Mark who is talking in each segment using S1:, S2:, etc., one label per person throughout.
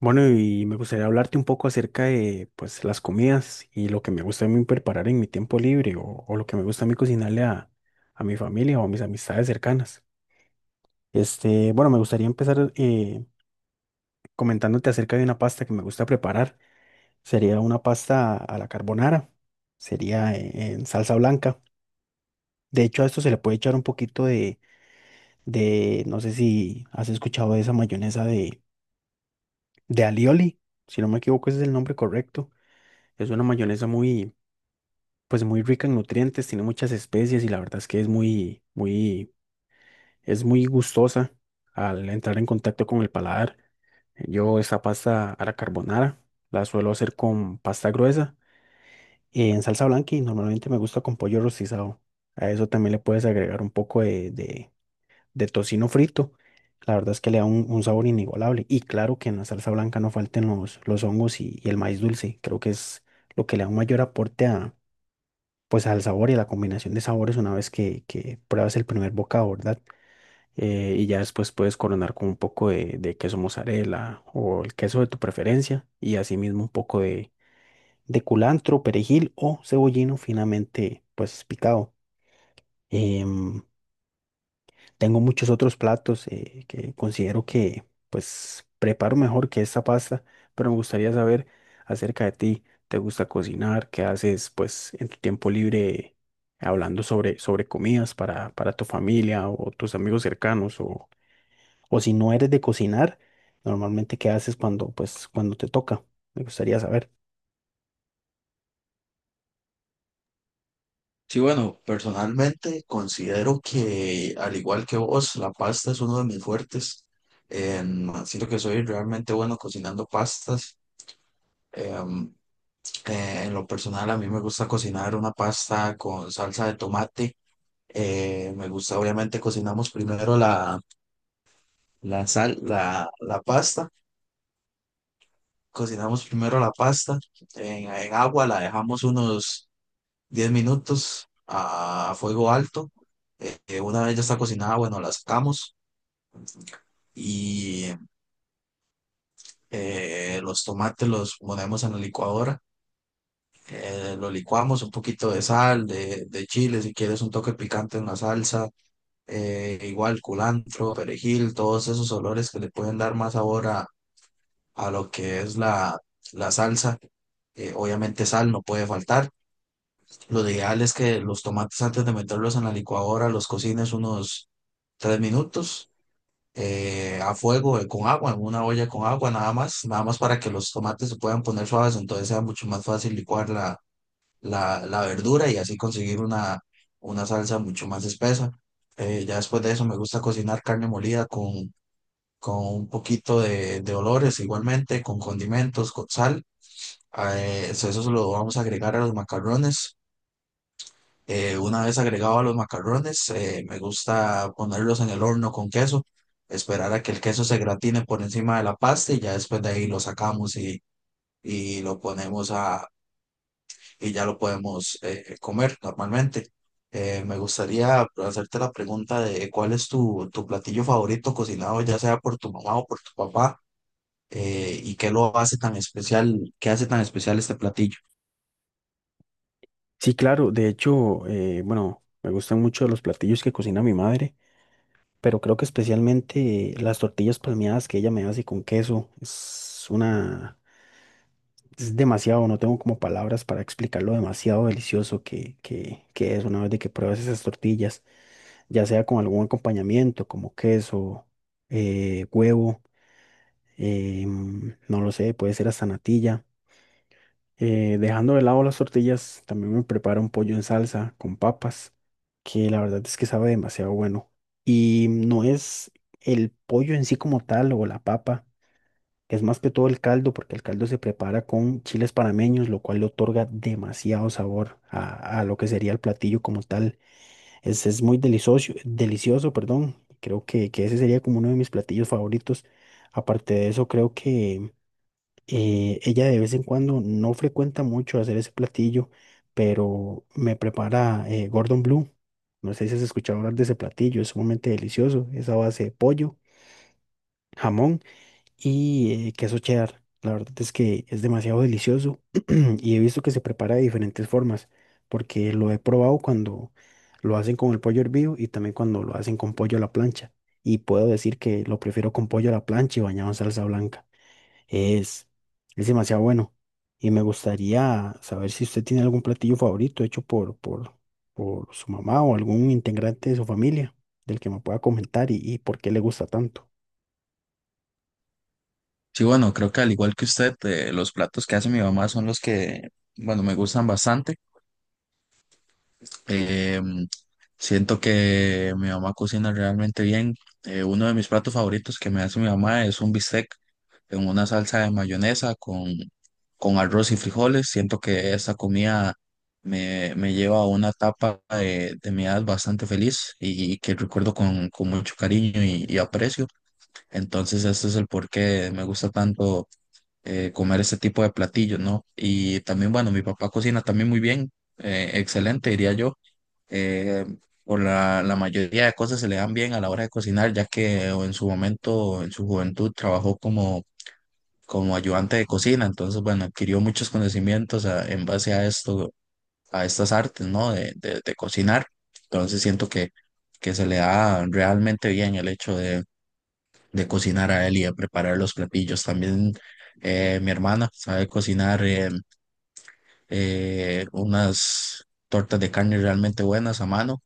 S1: Bueno, y me gustaría hablarte un poco acerca de pues las comidas y lo que me gusta a mí preparar en mi tiempo libre o lo que me gusta a mí cocinarle a mi familia o a mis amistades cercanas. Este, bueno, me gustaría empezar comentándote acerca de una pasta que me gusta preparar. Sería una pasta a la carbonara, sería en salsa blanca. De hecho, a esto se le puede echar un poquito no sé si has escuchado de esa mayonesa de alioli, si no me equivoco, ese es el nombre correcto. Es una mayonesa muy pues muy rica en nutrientes, tiene muchas especies y la verdad es que es es muy gustosa al entrar en contacto con el paladar. Yo esta pasta a la carbonara la suelo hacer con pasta gruesa y en salsa blanca y normalmente me gusta con pollo rostizado. A eso también le puedes agregar un poco de tocino frito. La verdad es que le da un sabor inigualable. Y claro que en la salsa blanca no falten los hongos y el maíz dulce. Creo que es lo que le da un mayor aporte pues al sabor y a la combinación de sabores una vez que pruebas el primer bocado, ¿verdad? Y ya después puedes coronar con un poco de queso mozzarella o el queso de tu preferencia y asimismo un poco de culantro, perejil o cebollino finamente pues picado. Em, Tengo muchos otros platos que considero que pues preparo mejor que esta pasta, pero me gustaría saber acerca de ti. ¿Te gusta cocinar? ¿Qué haces pues en tu tiempo libre hablando sobre comidas para tu familia o tus amigos cercanos? O si no eres de cocinar, normalmente qué haces cuando pues cuando te toca? Me gustaría saber.
S2: Sí, bueno, personalmente considero que, al igual que vos, la pasta es uno de mis fuertes. Siento que soy realmente bueno cocinando pastas. Em, en lo personal, a mí me gusta cocinar una pasta con salsa de tomate. Me gusta, obviamente, cocinamos primero la pasta. Cocinamos primero la pasta en agua, la dejamos unos 10 minutos a fuego alto. Una vez ya está cocinada, bueno, la sacamos y los tomates los ponemos en la licuadora. Lo licuamos un poquito de sal, de chile, si quieres un toque picante en la salsa, igual culantro, perejil, todos esos olores que le pueden dar más sabor a lo que es la salsa. Obviamente sal no puede faltar. Lo ideal es que los tomates antes de meterlos en la licuadora los cocines unos 3 minutos, a fuego, con agua, en una olla con agua nada más, nada más para que los tomates se puedan poner suaves, entonces sea mucho más fácil licuar la verdura y así conseguir una salsa mucho más espesa. Ya después de eso me gusta cocinar carne molida con un poquito de olores igualmente, con condimentos, con sal. Eso, eso se lo vamos a agregar a los macarrones. Una vez agregado a los macarrones, me gusta ponerlos en el horno con queso, esperar a que el queso se gratine por encima de la pasta y ya después de ahí lo sacamos y lo ponemos a, y ya lo podemos comer normalmente. Me gustaría hacerte la pregunta de cuál es tu, tu platillo favorito cocinado, ya sea por tu mamá o por tu papá, y qué lo hace tan especial, qué hace tan especial este platillo.
S1: Sí, claro, de hecho, bueno, me gustan mucho los platillos que cocina mi madre. Pero creo que especialmente las tortillas palmeadas que ella me hace con queso es una, es demasiado, no tengo como palabras para explicar lo demasiado delicioso que es una vez de que pruebas esas tortillas, ya sea con algún acompañamiento como queso, huevo, no lo sé, puede ser hasta natilla. Dejando de lado las tortillas, también me preparo un pollo en salsa con papas, que la verdad es que sabe demasiado bueno. Y no es el pollo en sí como tal o la papa, es más que todo el caldo, porque el caldo se prepara con chiles panameños, lo cual le otorga demasiado sabor a lo que sería el platillo como tal. Es muy delicioso, delicioso, perdón. Creo que ese sería como uno de mis platillos favoritos. Aparte de eso, creo que ella de vez en cuando no frecuenta mucho hacer ese platillo, pero me prepara Gordon Blue. No sé si has escuchado hablar de ese platillo, es sumamente delicioso. Es a base de pollo, jamón y queso cheddar. La verdad es que es demasiado delicioso y he visto que se prepara de diferentes formas, porque lo he probado cuando lo hacen con el pollo hervido y también cuando lo hacen con pollo a la plancha. Y puedo decir que lo prefiero con pollo a la plancha y bañado en salsa blanca. Es, es demasiado bueno. Y me gustaría saber si usted tiene algún platillo favorito hecho por su mamá o algún integrante de su familia del que me pueda comentar y por qué le gusta tanto.
S2: Sí, bueno, creo que al igual que usted, los platos que hace mi mamá son los que, bueno, me gustan bastante. Eh, Siento que mi mamá cocina realmente bien. Uno de mis platos favoritos que me hace mi mamá es un bistec en una salsa de mayonesa con arroz y frijoles. Siento que esa comida me, me lleva a una etapa de mi edad bastante feliz y, que recuerdo con mucho cariño y aprecio. Entonces, este es el por qué me gusta tanto comer ese tipo de platillos, ¿no? Y también, bueno, mi papá cocina también muy bien, excelente, diría yo. Eh, por la mayoría de cosas se le dan bien a la hora de cocinar, ya que en su momento, en su juventud, trabajó como, como ayudante de cocina, entonces, bueno, adquirió muchos conocimientos en base a esto, a estas artes, ¿no? De cocinar. Entonces siento que se le da realmente bien el hecho de cocinar a él y de preparar los platillos. También mi hermana sabe cocinar unas tortas de carne realmente buenas a mano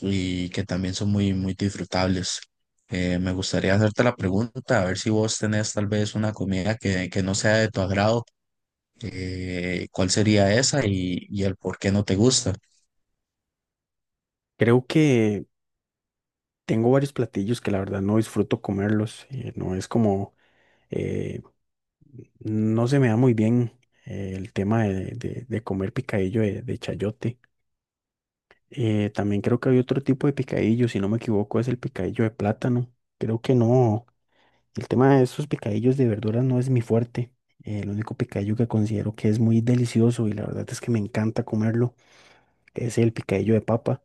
S2: y que también son muy, muy disfrutables. Me gustaría hacerte la pregunta, a ver si vos tenés tal vez una comida que no sea de tu agrado, ¿cuál sería esa y el por qué no te gusta?
S1: Creo que tengo varios platillos que la verdad no disfruto comerlos. No es como, eh, no se me da muy bien el tema de comer picadillo de chayote. También creo que hay otro tipo de picadillo, si no me equivoco, es el picadillo de plátano. Creo que no. El tema de esos picadillos de verduras no es mi fuerte. El único picadillo que considero que es muy delicioso y la verdad es que me encanta comerlo es el picadillo de papa.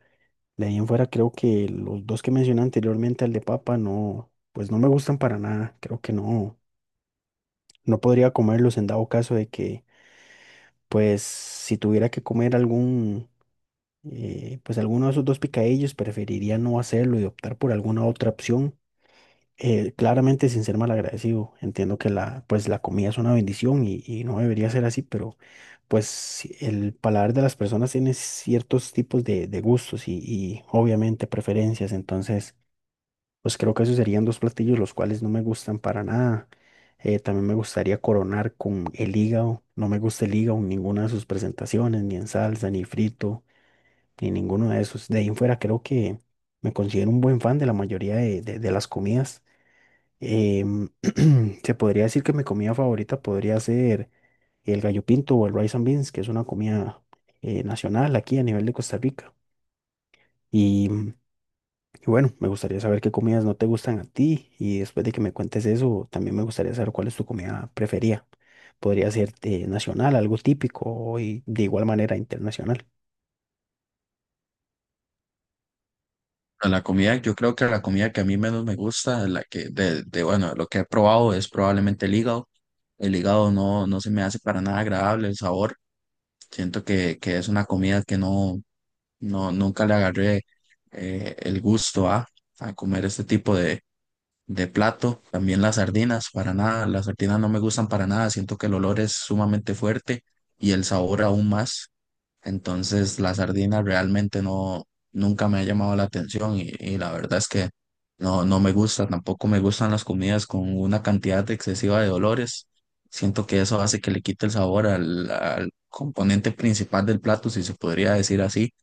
S1: De ahí en fuera creo que los dos que mencioné anteriormente, el de papa, no, pues no me gustan para nada. Creo que no, no podría comerlos en dado caso de que, pues si tuviera que comer algún, pues alguno de esos dos picadillos, preferiría no hacerlo y optar por alguna otra opción claramente sin ser mal agradecido, entiendo que la, pues, la comida es una bendición y no debería ser así, pero pues si el paladar de las personas tiene ciertos tipos de gustos y obviamente preferencias, entonces pues creo que esos serían dos platillos los cuales no me gustan para nada. También me gustaría coronar con el hígado, no me gusta el hígado en ninguna de sus presentaciones, ni en salsa, ni frito, ni ninguno de esos. De ahí en fuera creo que me considero un buen fan de la mayoría de de las comidas. Em, se podría decir que mi comida favorita podría ser el gallo pinto o el rice and beans, que es una comida nacional aquí a nivel de Costa Rica. Y, y bueno, me gustaría saber qué comidas no te gustan a ti y después de que me cuentes eso, también me gustaría saber cuál es tu comida preferida. Podría ser nacional, algo típico y de igual manera internacional.
S2: A la comida, yo creo que la comida que a mí menos me gusta, la que de, bueno, lo que he probado es probablemente el hígado. El hígado no, no se me hace para nada agradable el sabor. Siento que es una comida que no, no, nunca le agarré el gusto a comer este tipo de plato. También las sardinas, para nada, las sardinas no me gustan para nada. Siento que el olor es sumamente fuerte y el sabor aún más. Entonces, la sardina realmente no, nunca me ha llamado la atención y la verdad es que no, no me gusta, tampoco me gustan las comidas con una cantidad excesiva de olores. Siento que eso hace que le quite el sabor al, al componente principal del plato, si se podría decir así.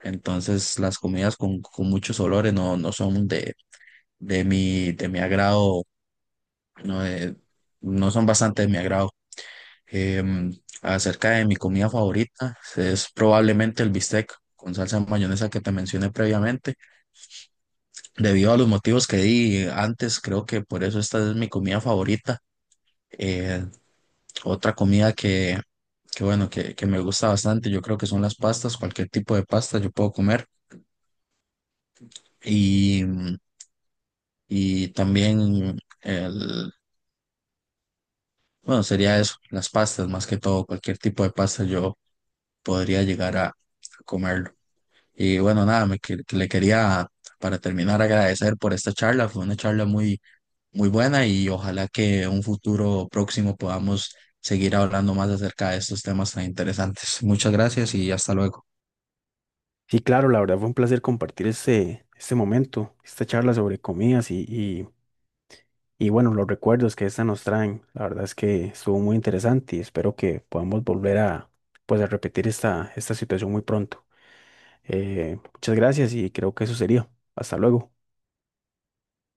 S2: Entonces, las comidas con muchos olores no, no son de mi agrado, no, no son bastante de mi agrado. Em, Acerca de mi comida favorita, es probablemente el bistec con salsa de mayonesa que te mencioné previamente. Debido a los motivos que di antes, creo que por eso esta es mi comida favorita. Eh, Otra comida que bueno, que me gusta bastante, yo creo que son las pastas, cualquier tipo de pasta yo puedo comer. Y, y también el, bueno, sería eso, las pastas, más que todo, cualquier tipo de pasta yo podría llegar a comerlo. Y bueno, nada, que le quería para terminar agradecer por esta charla. Fue una charla muy, muy buena y ojalá que en un futuro próximo podamos seguir hablando más acerca de estos temas tan interesantes. Muchas gracias y hasta luego.
S1: Sí, claro, la verdad fue un placer compartir este momento, esta charla sobre comidas y bueno, los recuerdos que esta nos traen, la verdad es que estuvo muy interesante y espero que podamos volver a, pues, a repetir esta situación muy pronto. Muchas gracias y creo que eso sería. Hasta luego.